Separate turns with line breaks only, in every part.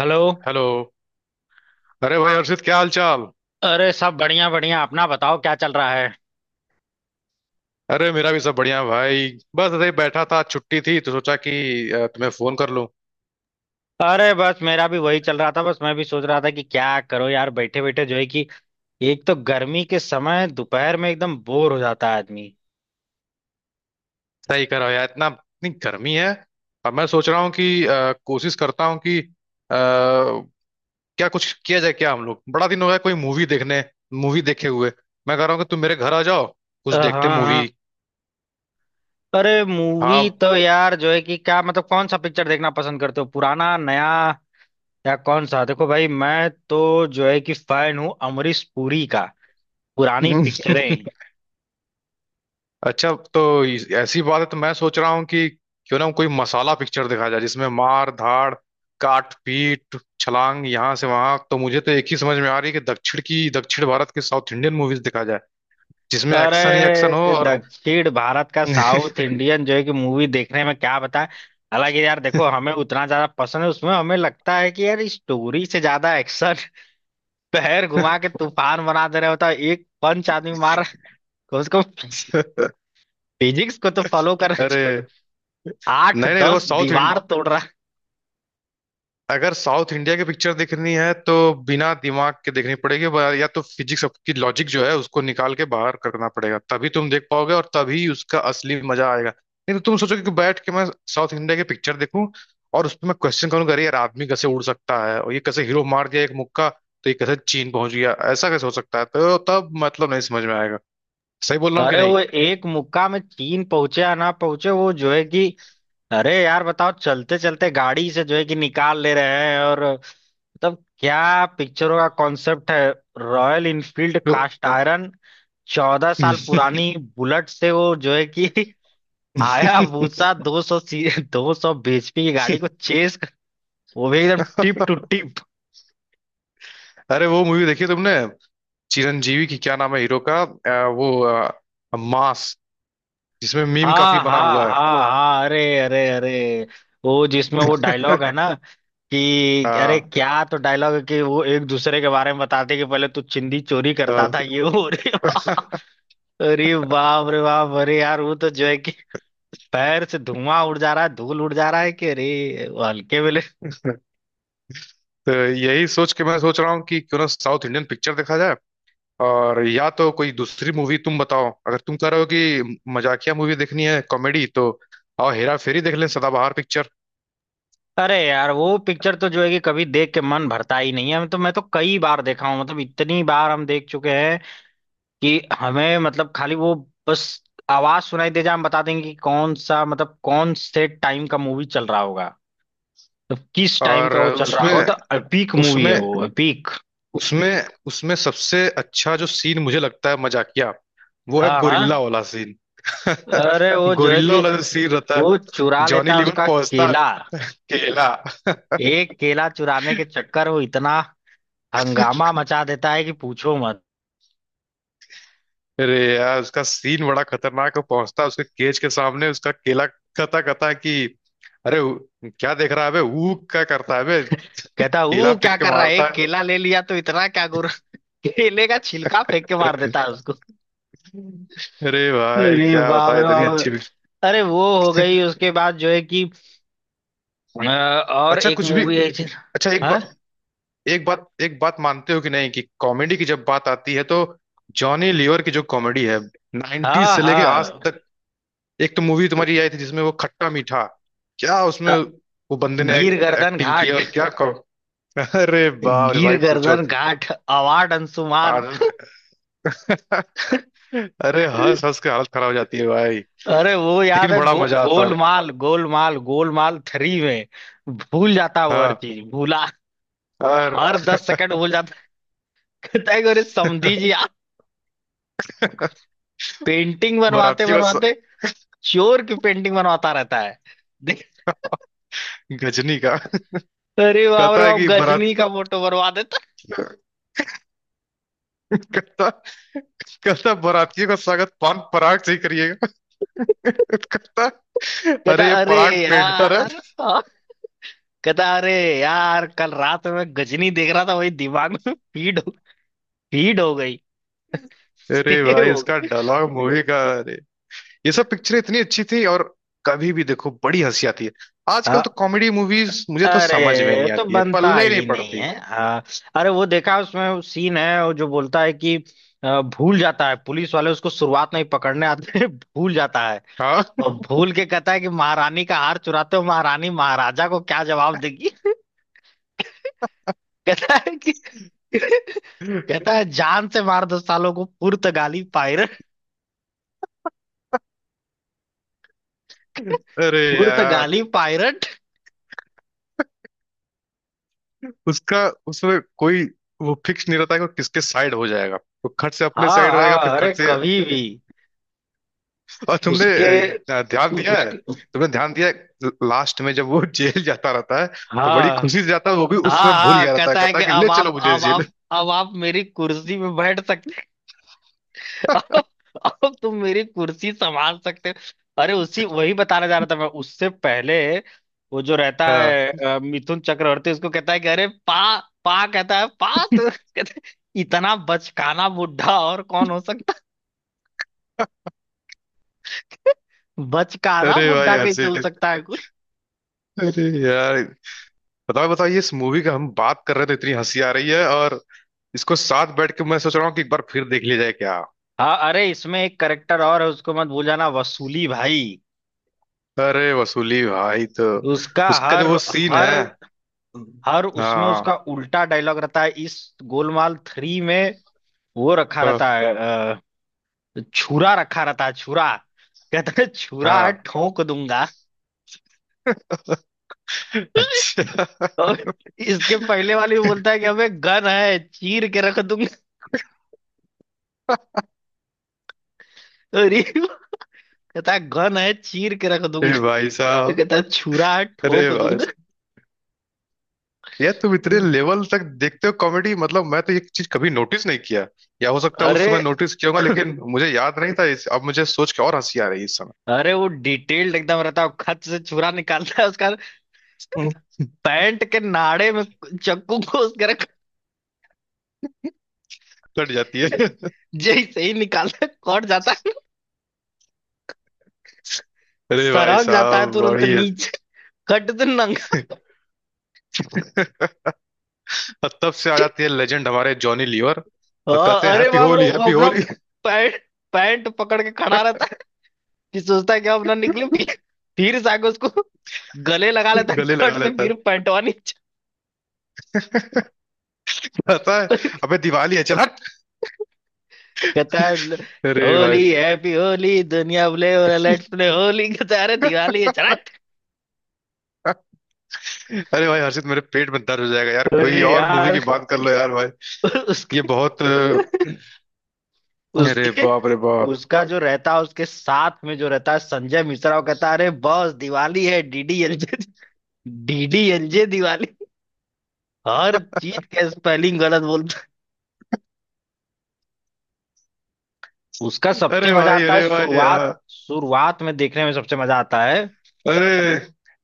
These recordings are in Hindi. हेलो।
हेलो। अरे भाई हर्षित, क्या हाल चाल।
अरे सब बढ़िया बढ़िया। अपना बताओ क्या चल रहा है?
अरे मेरा भी सब बढ़िया है भाई। बस ऐसे ही बैठा था, छुट्टी थी तो सोचा कि तुम्हें फोन कर लूं।
अरे बस मेरा भी वही चल रहा था। बस मैं भी सोच रहा था कि क्या करो यार, बैठे बैठे जो है कि एक तो गर्मी के समय दोपहर में एकदम बोर हो जाता है आदमी।
सही करो यार, इतना इतनी गर्मी है। अब मैं सोच रहा हूँ कि कोशिश करता हूँ कि क्या कुछ किया जाए। क्या हम लोग, बड़ा दिन हो गया कोई मूवी देखने, मूवी देखे हुए। मैं कह रहा हूँ कि तुम मेरे घर आ जाओ, कुछ
हाँ
देखते
हाँ।
मूवी।
अरे मूवी
हाँ।
तो यार जो है कि, क्या मतलब, कौन सा पिक्चर देखना पसंद करते हो? पुराना, नया या कौन सा? देखो भाई, मैं तो जो है कि फैन हूँ अमरीश पुरी का, पुरानी पिक्चरें।
अच्छा तो ऐसी बात है तो मैं सोच रहा हूँ कि क्यों ना कोई मसाला पिक्चर दिखाया जाए जिसमें मार धाड़, काट पीट, छलांग यहाँ से वहां। तो मुझे तो एक ही समझ में आ रही है कि दक्षिण भारत की साउथ इंडियन मूवीज दिखाया जाए जिसमें एक्शन ही एक्शन हो।
अरे
और
दक्षिण भारत का साउथ इंडियन जो है कि मूवी देखने में क्या बताए। हालांकि यार देखो, हमें उतना ज्यादा पसंद है, उसमें हमें लगता है कि यार स्टोरी से ज्यादा एक्शन। पैर घुमा के तूफान बना दे रहे होता है, एक पंच आदमी मार रहा है, कम से कम फिजिक्स को तो फॉलो करना चाहिए,
अरे
आठ
नहीं नहीं, देखो
दस
साउथ।
दीवार तोड़ रहा है।
अगर साउथ इंडिया की पिक्चर देखनी है तो बिना दिमाग के देखनी पड़ेगी। या तो फिजिक्स की लॉजिक जो है उसको निकाल के बाहर करना पड़ेगा, तभी तुम देख पाओगे और तभी उसका असली मजा आएगा। नहीं तो तुम सोचोगे कि बैठ के मैं साउथ इंडिया की पिक्चर देखूं और उस पर मैं क्वेश्चन करूंगा, अरे यार आदमी कैसे उड़ सकता है? और ये कैसे हीरो मार दिया एक मुक्का तो ये कैसे चीन पहुंच गया? ऐसा कैसे हो सकता है? तो तब मतलब नहीं समझ में आएगा। सही बोल रहा हूँ कि
अरे
नहीं?
वो एक मुक्का में चीन पहुंचे या ना पहुंचे, वो जो है कि, अरे यार बताओ, चलते चलते गाड़ी से जो है कि निकाल ले रहे हैं। और मतलब क्या पिक्चरों का कॉन्सेप्ट है, रॉयल इनफील्ड
तो-
कास्ट आयरन, 14 साल पुरानी बुलेट से वो जो है कि हायाबूसा 200 सी, 200 बीएचपी की गाड़ी को चेस, वो भी एकदम टिप टू टिप।
अरे वो मूवी देखी तुमने चिरंजीवी की? क्या नाम है हीरो का? वो मास, जिसमें मीम काफी
हाँ
बना
हाँ
हुआ है।
हाँ हाँ, अरे अरे अरे, वो जिसमें वो डायलॉग है ना
अ,
कि, अरे क्या तो डायलॉग है कि वो एक दूसरे के बारे में बताते कि पहले तू चिंदी चोरी करता था
बिल्कुल।
ये वो। अरे बाप, अरे बाप रे बाप, अरे यार वो तो जो है कि पैर से धुआं उड़ जा रहा है, धूल उड़ जा रहा है कि अरे वो हल्के में ले-
तो, तो यही सोच के मैं सोच रहा हूँ कि क्यों ना साउथ इंडियन पिक्चर देखा जाए। और या तो कोई दूसरी मूवी तुम बताओ। अगर तुम कह रहे हो कि मजाकिया मूवी देखनी है, कॉमेडी, तो आओ हेरा फेरी देख लें, सदाबहार पिक्चर।
अरे यार वो पिक्चर तो जो है कि कभी देख के मन भरता ही नहीं है, हम तो, मैं तो कई बार देखा हूँ, मतलब इतनी बार हम देख चुके हैं कि हमें मतलब, खाली वो, बस आवाज सुनाई दे जाए हम बता देंगे कि कौन सा, मतलब कौन से टाइम का मूवी चल रहा होगा, तो किस टाइम
और
का वो चल रहा होगा।
उसमें
तो अपीक मूवी है
उसमें
वो, अपीक।
उसमें उसमें सबसे अच्छा जो सीन मुझे लगता है मजाकिया, वो है
हाँ हाँ।
गोरिल्ला वाला सीन।
अरे वो जो है
गोरिल्ला
कि
वाला जो सीन रहता है,
वो चुरा
जॉनी
लेता है
लीवर
उसका
पहुंचता है,
केला।
केला।
एक केला चुराने के चक्कर वो इतना हंगामा मचा देता है कि पूछो मत।
अरे यार उसका सीन बड़ा खतरनाक है, पहुंचता है, उसके केज के सामने उसका केला कता कता है कि अरे क्या देख रहा है बे, ऊ क्या करता है बे,
कहता,
केला
वो
फेंक
क्या
के
कर रहा है,
मारता
एक केला ले लिया तो इतना क्या गुर। केले का छिलका फेंक के मार
है।
देता है उसको।
अरे भाई
अरे
क्या
बाप
बताए,
रे
इतनी अच्छी
बाप,
पिक्चर।
अरे वो हो गई, उसके बाद जो है कि और
अच्छा
एक
कुछ भी। अच्छा एक
हाँ
बात, एक बात मानते हो कि नहीं कि कॉमेडी की जब बात आती है तो जॉनी लीवर की जो कॉमेडी है 90s
हाँ
से लेके आज
हाँ,
तक। एक तो मूवी तुम्हारी आई थी जिसमें वो खट्टा मीठा, क्या उसमें
अ,
वो बंदे ने
गिर गर्दन
एक्टिंग की और
घाट,
क्या कहो। अरे बाप रे
गिर
भाई पूछो
गर्दन
मत।
घाट अवार्ड अंशुमान।
आज- अरे हंस हंस के हालत खराब हो जाती है भाई,
अरे वो याद
लेकिन
है,
बड़ा मजा आता है।
गोलमाल, गोलमाल, गोलमाल थ्री में भूल जाता वो हर
हाँ।
चीज, भूला,
और
हर 10 सेकंड भूल जाता। कहता है कि अरे समधी जी आप पेंटिंग बनवाते
बारातियों का
बनवाते चोर की पेंटिंग बनवाता रहता है, देख।
गजनी का
अरे बाप
कहता
रे
है
बाप,
कि बारात,
गजनी का फोटो बनवा देता।
कहता कहता बारातियों का स्वागत पान पराग से ही। कहता,
कहता
अरे ये
अरे
पराग पेंटर है।
यार, हाँ। कहता अरे यार, कल रात में गजनी देख रहा था, वही दिमाग में फीड हो गई,
अरे
सेव
भाई
हो
इसका डायलॉग मूवी का, अरे ये सब पिक्चरें इतनी अच्छी थी और कभी भी देखो बड़ी हंसी आती है। आजकल तो
गई।
कॉमेडी मूवीज मुझे तो समझ में
अरे
नहीं
तो
आती है,
बनता
पल्ले ही नहीं
ही नहीं
पड़ती।
है। अरे वो देखा, उसमें वो सीन है, वो जो बोलता है कि भूल जाता है, पुलिस वाले उसको शुरुआत में ही पकड़ने आते हैं, भूल जाता है
हाँ।
और भूल के कहता है कि महारानी का हार चुराते हो, महारानी महाराजा को क्या जवाब देगी। कहता है कि, कहता है जान से मार दो सालों को, पुर्तगाली पायरट,
अरे यार
पुर्तगाली पायरट।
उसका, उसमें कोई वो फिक्स नहीं रहता है कि वो किसके साइड हो जाएगा। वो खट से अपने
हाँ
साइड रहेगा, फिर
हाँ। अरे
खट से।
कभी भी
और
उसके
अ, ध्यान दिया है
उसके
तुमने ध्यान दिया है लास्ट में जब वो जेल जाता रहता है, तो बड़ी
हाँ
खुशी से जाता है। वो भी उस समय
हाँ
भूल
हाँ,
गया रहता है,
कहता है
कहता
कि
है कि ले चलो मुझे जेल।
अब आप मेरी कुर्सी में बैठ सकते हो। अब तुम मेरी कुर्सी संभाल सकते हो। अरे उसी, वही बताने जा रहा था मैं उससे पहले। वो जो रहता
हाँ।
है मिथुन चक्रवर्ती, उसको कहता है कि अरे पा, पा, कहता है पा तो। कहता है, इतना बचकाना बुढ़ा और कौन हो सकता है? बचकाना
अरे
बुढ़ा
भाई
कैसे हो
हर्षित,
सकता है कोई।
अरे यार, बताओ बताओ, ये इस मूवी का हम बात कर रहे थे, इतनी हंसी आ रही है। और इसको साथ बैठ के मैं सोच रहा हूँ कि एक बार फिर देख लिया जाए क्या?
हाँ, अरे इसमें एक करेक्टर और है, उसको मत भूल जाना, वसूली भाई।
अरे वसूली भाई तो
उसका
उसका जो
हर,
वो सीन है।
हर हर उसमें उसका
हाँ
उल्टा डायलॉग रहता है, इस गोलमाल थ्री में। वो रखा
हाँ
रहता है, अ, छुरा रखा रहता है, छुरा। कहता है छुरा है,
हाँ।
ठोक दूंगा।
अच्छा।
और इसके पहले वाले में बोलता है कि हमें गन है, चीर के रख दूंगा। और ये कहता है गन है, चीर के रख दूंगा,
अरे भाई
तो
साहब,
कहता है छुरा है,
अरे
ठोक
भाई
दूंगा।
यार, तुम इतने लेवल तक देखते हो कॉमेडी मतलब, मैं तो ये चीज कभी नोटिस नहीं किया। या हो सकता है उस
अरे,
समय नोटिस किया होगा लेकिन मुझे याद नहीं था अब मुझे सोच के और हंसी आ रही है इस समय।
अरे वो डिटेल्ड एकदम रहता है, खत से छुरा निकालता है उसका,
हम्म।
पैंट के नाड़े में चाकू को उसके रख,
कट जाती है।
जैसे ही निकालता है कट जाता है,
अरे भाई
सरक जाता है
साहब,
तुरंत
बड़ी है।
नीचे। कट दे नंगा।
और तब से आ जाती है लेजेंड हमारे जॉनी लीवर। और कहते
हाँ,
हैं
अरे
हैप्पी
बाप रे,
होली
वो
हैप्पी
अपना
होली।
पैंट पैंट पकड़ के खड़ा रहता है, कि सोचता है कि अब ना निकले, फिर जाके उसको गले लगा लेता है,
गले लगा
कट से
लेता है,
फिर पैंटवा नीचे।
पता है, अबे दिवाली है चल हट।
कहता है
अरे भाई।
होली हैप्पी होली, दुनिया बोले लेट्स प्ले होली, कहता है अरे दिवाली है चला।
अरे भाई हर्षित, मेरे पेट में दर्द हो जाएगा यार, कोई
अरे
और मूवी
यार
की बात कर लो यार भाई। ये
उसके
बहुत अरे
उसके
बाप रे बाप।
उसका जो रहता है, उसके साथ में जो रहता है संजय मिश्रा, वो कहता है अरे बॉस दिवाली है डीडीएलजे, डीडीएलजे दिवाली। हर चीज का स्पेलिंग गलत बोलता है। उसका सबसे
अरे
मजा
भाई,
आता है
अरे भाई
शुरुआत,
यार,
शुरुआत में देखने में सबसे मजा आता है।
अरे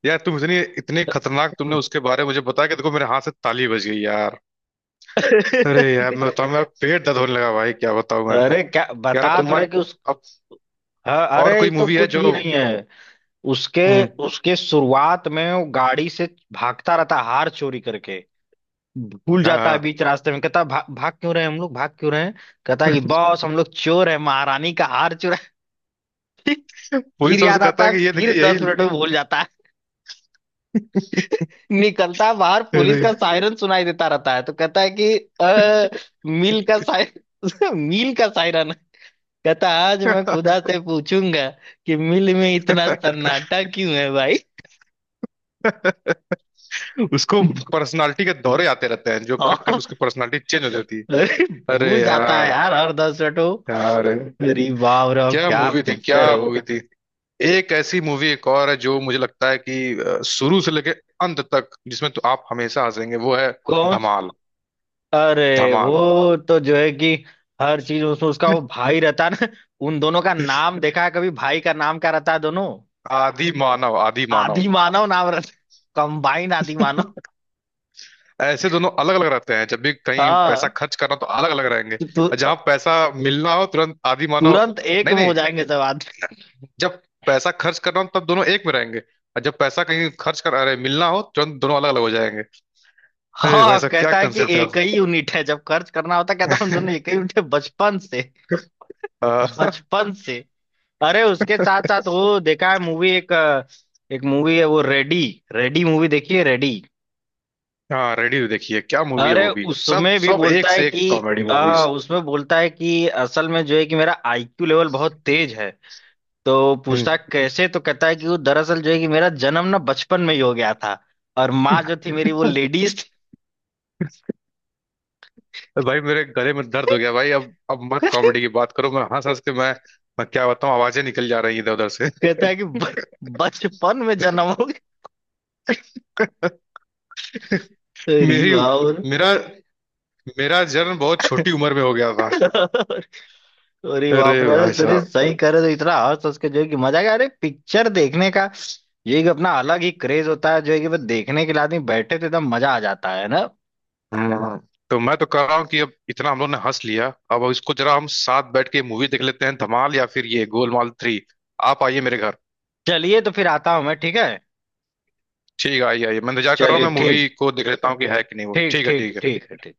यार तुम इतनी इतने खतरनाक, तुमने उसके बारे में मुझे बताया कि देखो मेरे हाथ से ताली बज गई यार। अरे यार मैं बताऊं, मेरा पेट दर्द होने लगा भाई, क्या बताऊं मैं।
अरे क्या
यार अब
बता
तुम
तो
मान
रहे कि उस,
अब
हाँ, अरे
और
ये
कोई
तो
मूवी है
कुछ
जो
भी नहीं है। उसके
हम्म।
उसके शुरुआत में वो गाड़ी से भागता रहता है हार चोरी करके, भूल
हाँ
जाता है
हाँ।
बीच रास्ते में, कहता है, भाग क्यों रहे हैं हम लोग, भाग क्यों रहे हैं? कहता है कि बॉस हम लोग चोर है, महारानी का हार चुरा। फिर
पुलिस वाले से
याद
कहता
आता
है
है,
कि ये देखिए
फिर
यही,
10 मिनट में भूल जाता, निकलता बाहर पुलिस
अरे
का सायरन सुनाई देता रहता है, तो कहता है कि अ, मिल का सायरन, मिल का सायरन। कहता आज मैं खुदा से पूछूंगा कि मिल में इतना सन्नाटा क्यों है भाई।
उसको पर्सनालिटी के दौरे आते रहते हैं जो खट खट
और
उसकी पर्सनालिटी चेंज हो जाती है। अरे
भूल जाता है
यार,
यार हर 10 मिनट वो।
यार
अरे बाप रे, और
क्या
क्या
मूवी थी, क्या
पिक्चर है वो।
मूवी थी। एक ऐसी मूवी एक और है जो मुझे लगता है कि शुरू से लेके अंत तक, जिसमें तो आप हमेशा हंसेंगे, वो है
कौन?
धमाल।
अरे
धमाल।
वो तो जो है कि हर चीज उसमें उसका वो भाई रहता है ना, उन दोनों का नाम देखा है कभी, भाई का नाम क्या रहता है दोनों?
आदि मानव, आदि मानव,
आदि मानव, नाम रहता कंबाइंड आदि मानव।
ऐसे दोनों अलग अलग रहते हैं। जब भी कहीं पैसा
हाँ,
खर्च करना तो अलग अलग रहेंगे,
तु,
और
तु,
जहां पैसा मिलना हो तुरंत आदि मानव।
तुरंत एक
नहीं
में हो
नहीं,
जाएंगे सब आदमी।
जब पैसा खर्च करना हो तब दोनों एक में रहेंगे, और जब पैसा कहीं खर्च कर, अरे, मिलना हो तुरंत दोनों अलग अलग हो जाएंगे। अरे भाई
हाँ
साहब क्या
कहता है कि
कंसेप्ट है।
एक ही यूनिट है, जब खर्च करना होता है, कहता है हम दोनों एक ही यूनिट है बचपन से,
अ,
बचपन से। अरे उसके साथ साथ वो देखा है मूवी, एक एक मूवी है वो रेडी, रेडी मूवी देखी है, रेडी।
हाँ, रेडी देखिए क्या मूवी है
अरे
वो भी, सब
उसमें भी
सब
बोलता
एक
है
से
कि
एक कॉमेडी मूवीज।
उसमें बोलता है कि असल में जो है कि मेरा आईक्यू लेवल बहुत तेज है। तो पूछता है कैसे, तो कहता है कि वो दरअसल जो है कि मेरा जन्म ना बचपन में ही हो गया था और माँ जो थी मेरी वो लेडीज
भाई मेरे गले में दर्द
थी।
हो गया भाई, अब मत
कहता
कॉमेडी की बात करो, मैं हंस हंस के मैं क्या बताऊं, आवाजें निकल जा रही हैं इधर उधर से।
है कि बचपन में जन्म हो गया। अरे
मेरी
वाह,
मेरा मेरा जन्म बहुत छोटी उम्र में हो गया था।
अरे
अरे
बाप रे, अरे
भाई
अरे
साहब।
सही करे तो इतना हंस हंस के जो है कि मजा आ गया, अरे पिक्चर देखने का ये एक अपना अलग ही क्रेज होता है जो है कि, वो देखने के लिए आदमी बैठे तो एकदम मजा आ जाता है ना।
हम्म। तो मैं तो कह रहा हूँ कि अब इतना हम लोग ने हंस लिया, अब इसको जरा हम साथ बैठ के मूवी देख लेते हैं, धमाल या फिर ये गोलमाल थ्री। आप आइए मेरे घर।
चलिए, तो फिर आता हूँ मैं, ठीक है।
ठीक है, आइए आइए, मैं इंतजार कर रहा हूँ,
चलिए,
मैं
ठीक,
मूवी को देख लेता हूँ कि है कि नहीं वो।
ठीक
ठीक है।
ठीक
ठीक है।
ठीक है ठीक।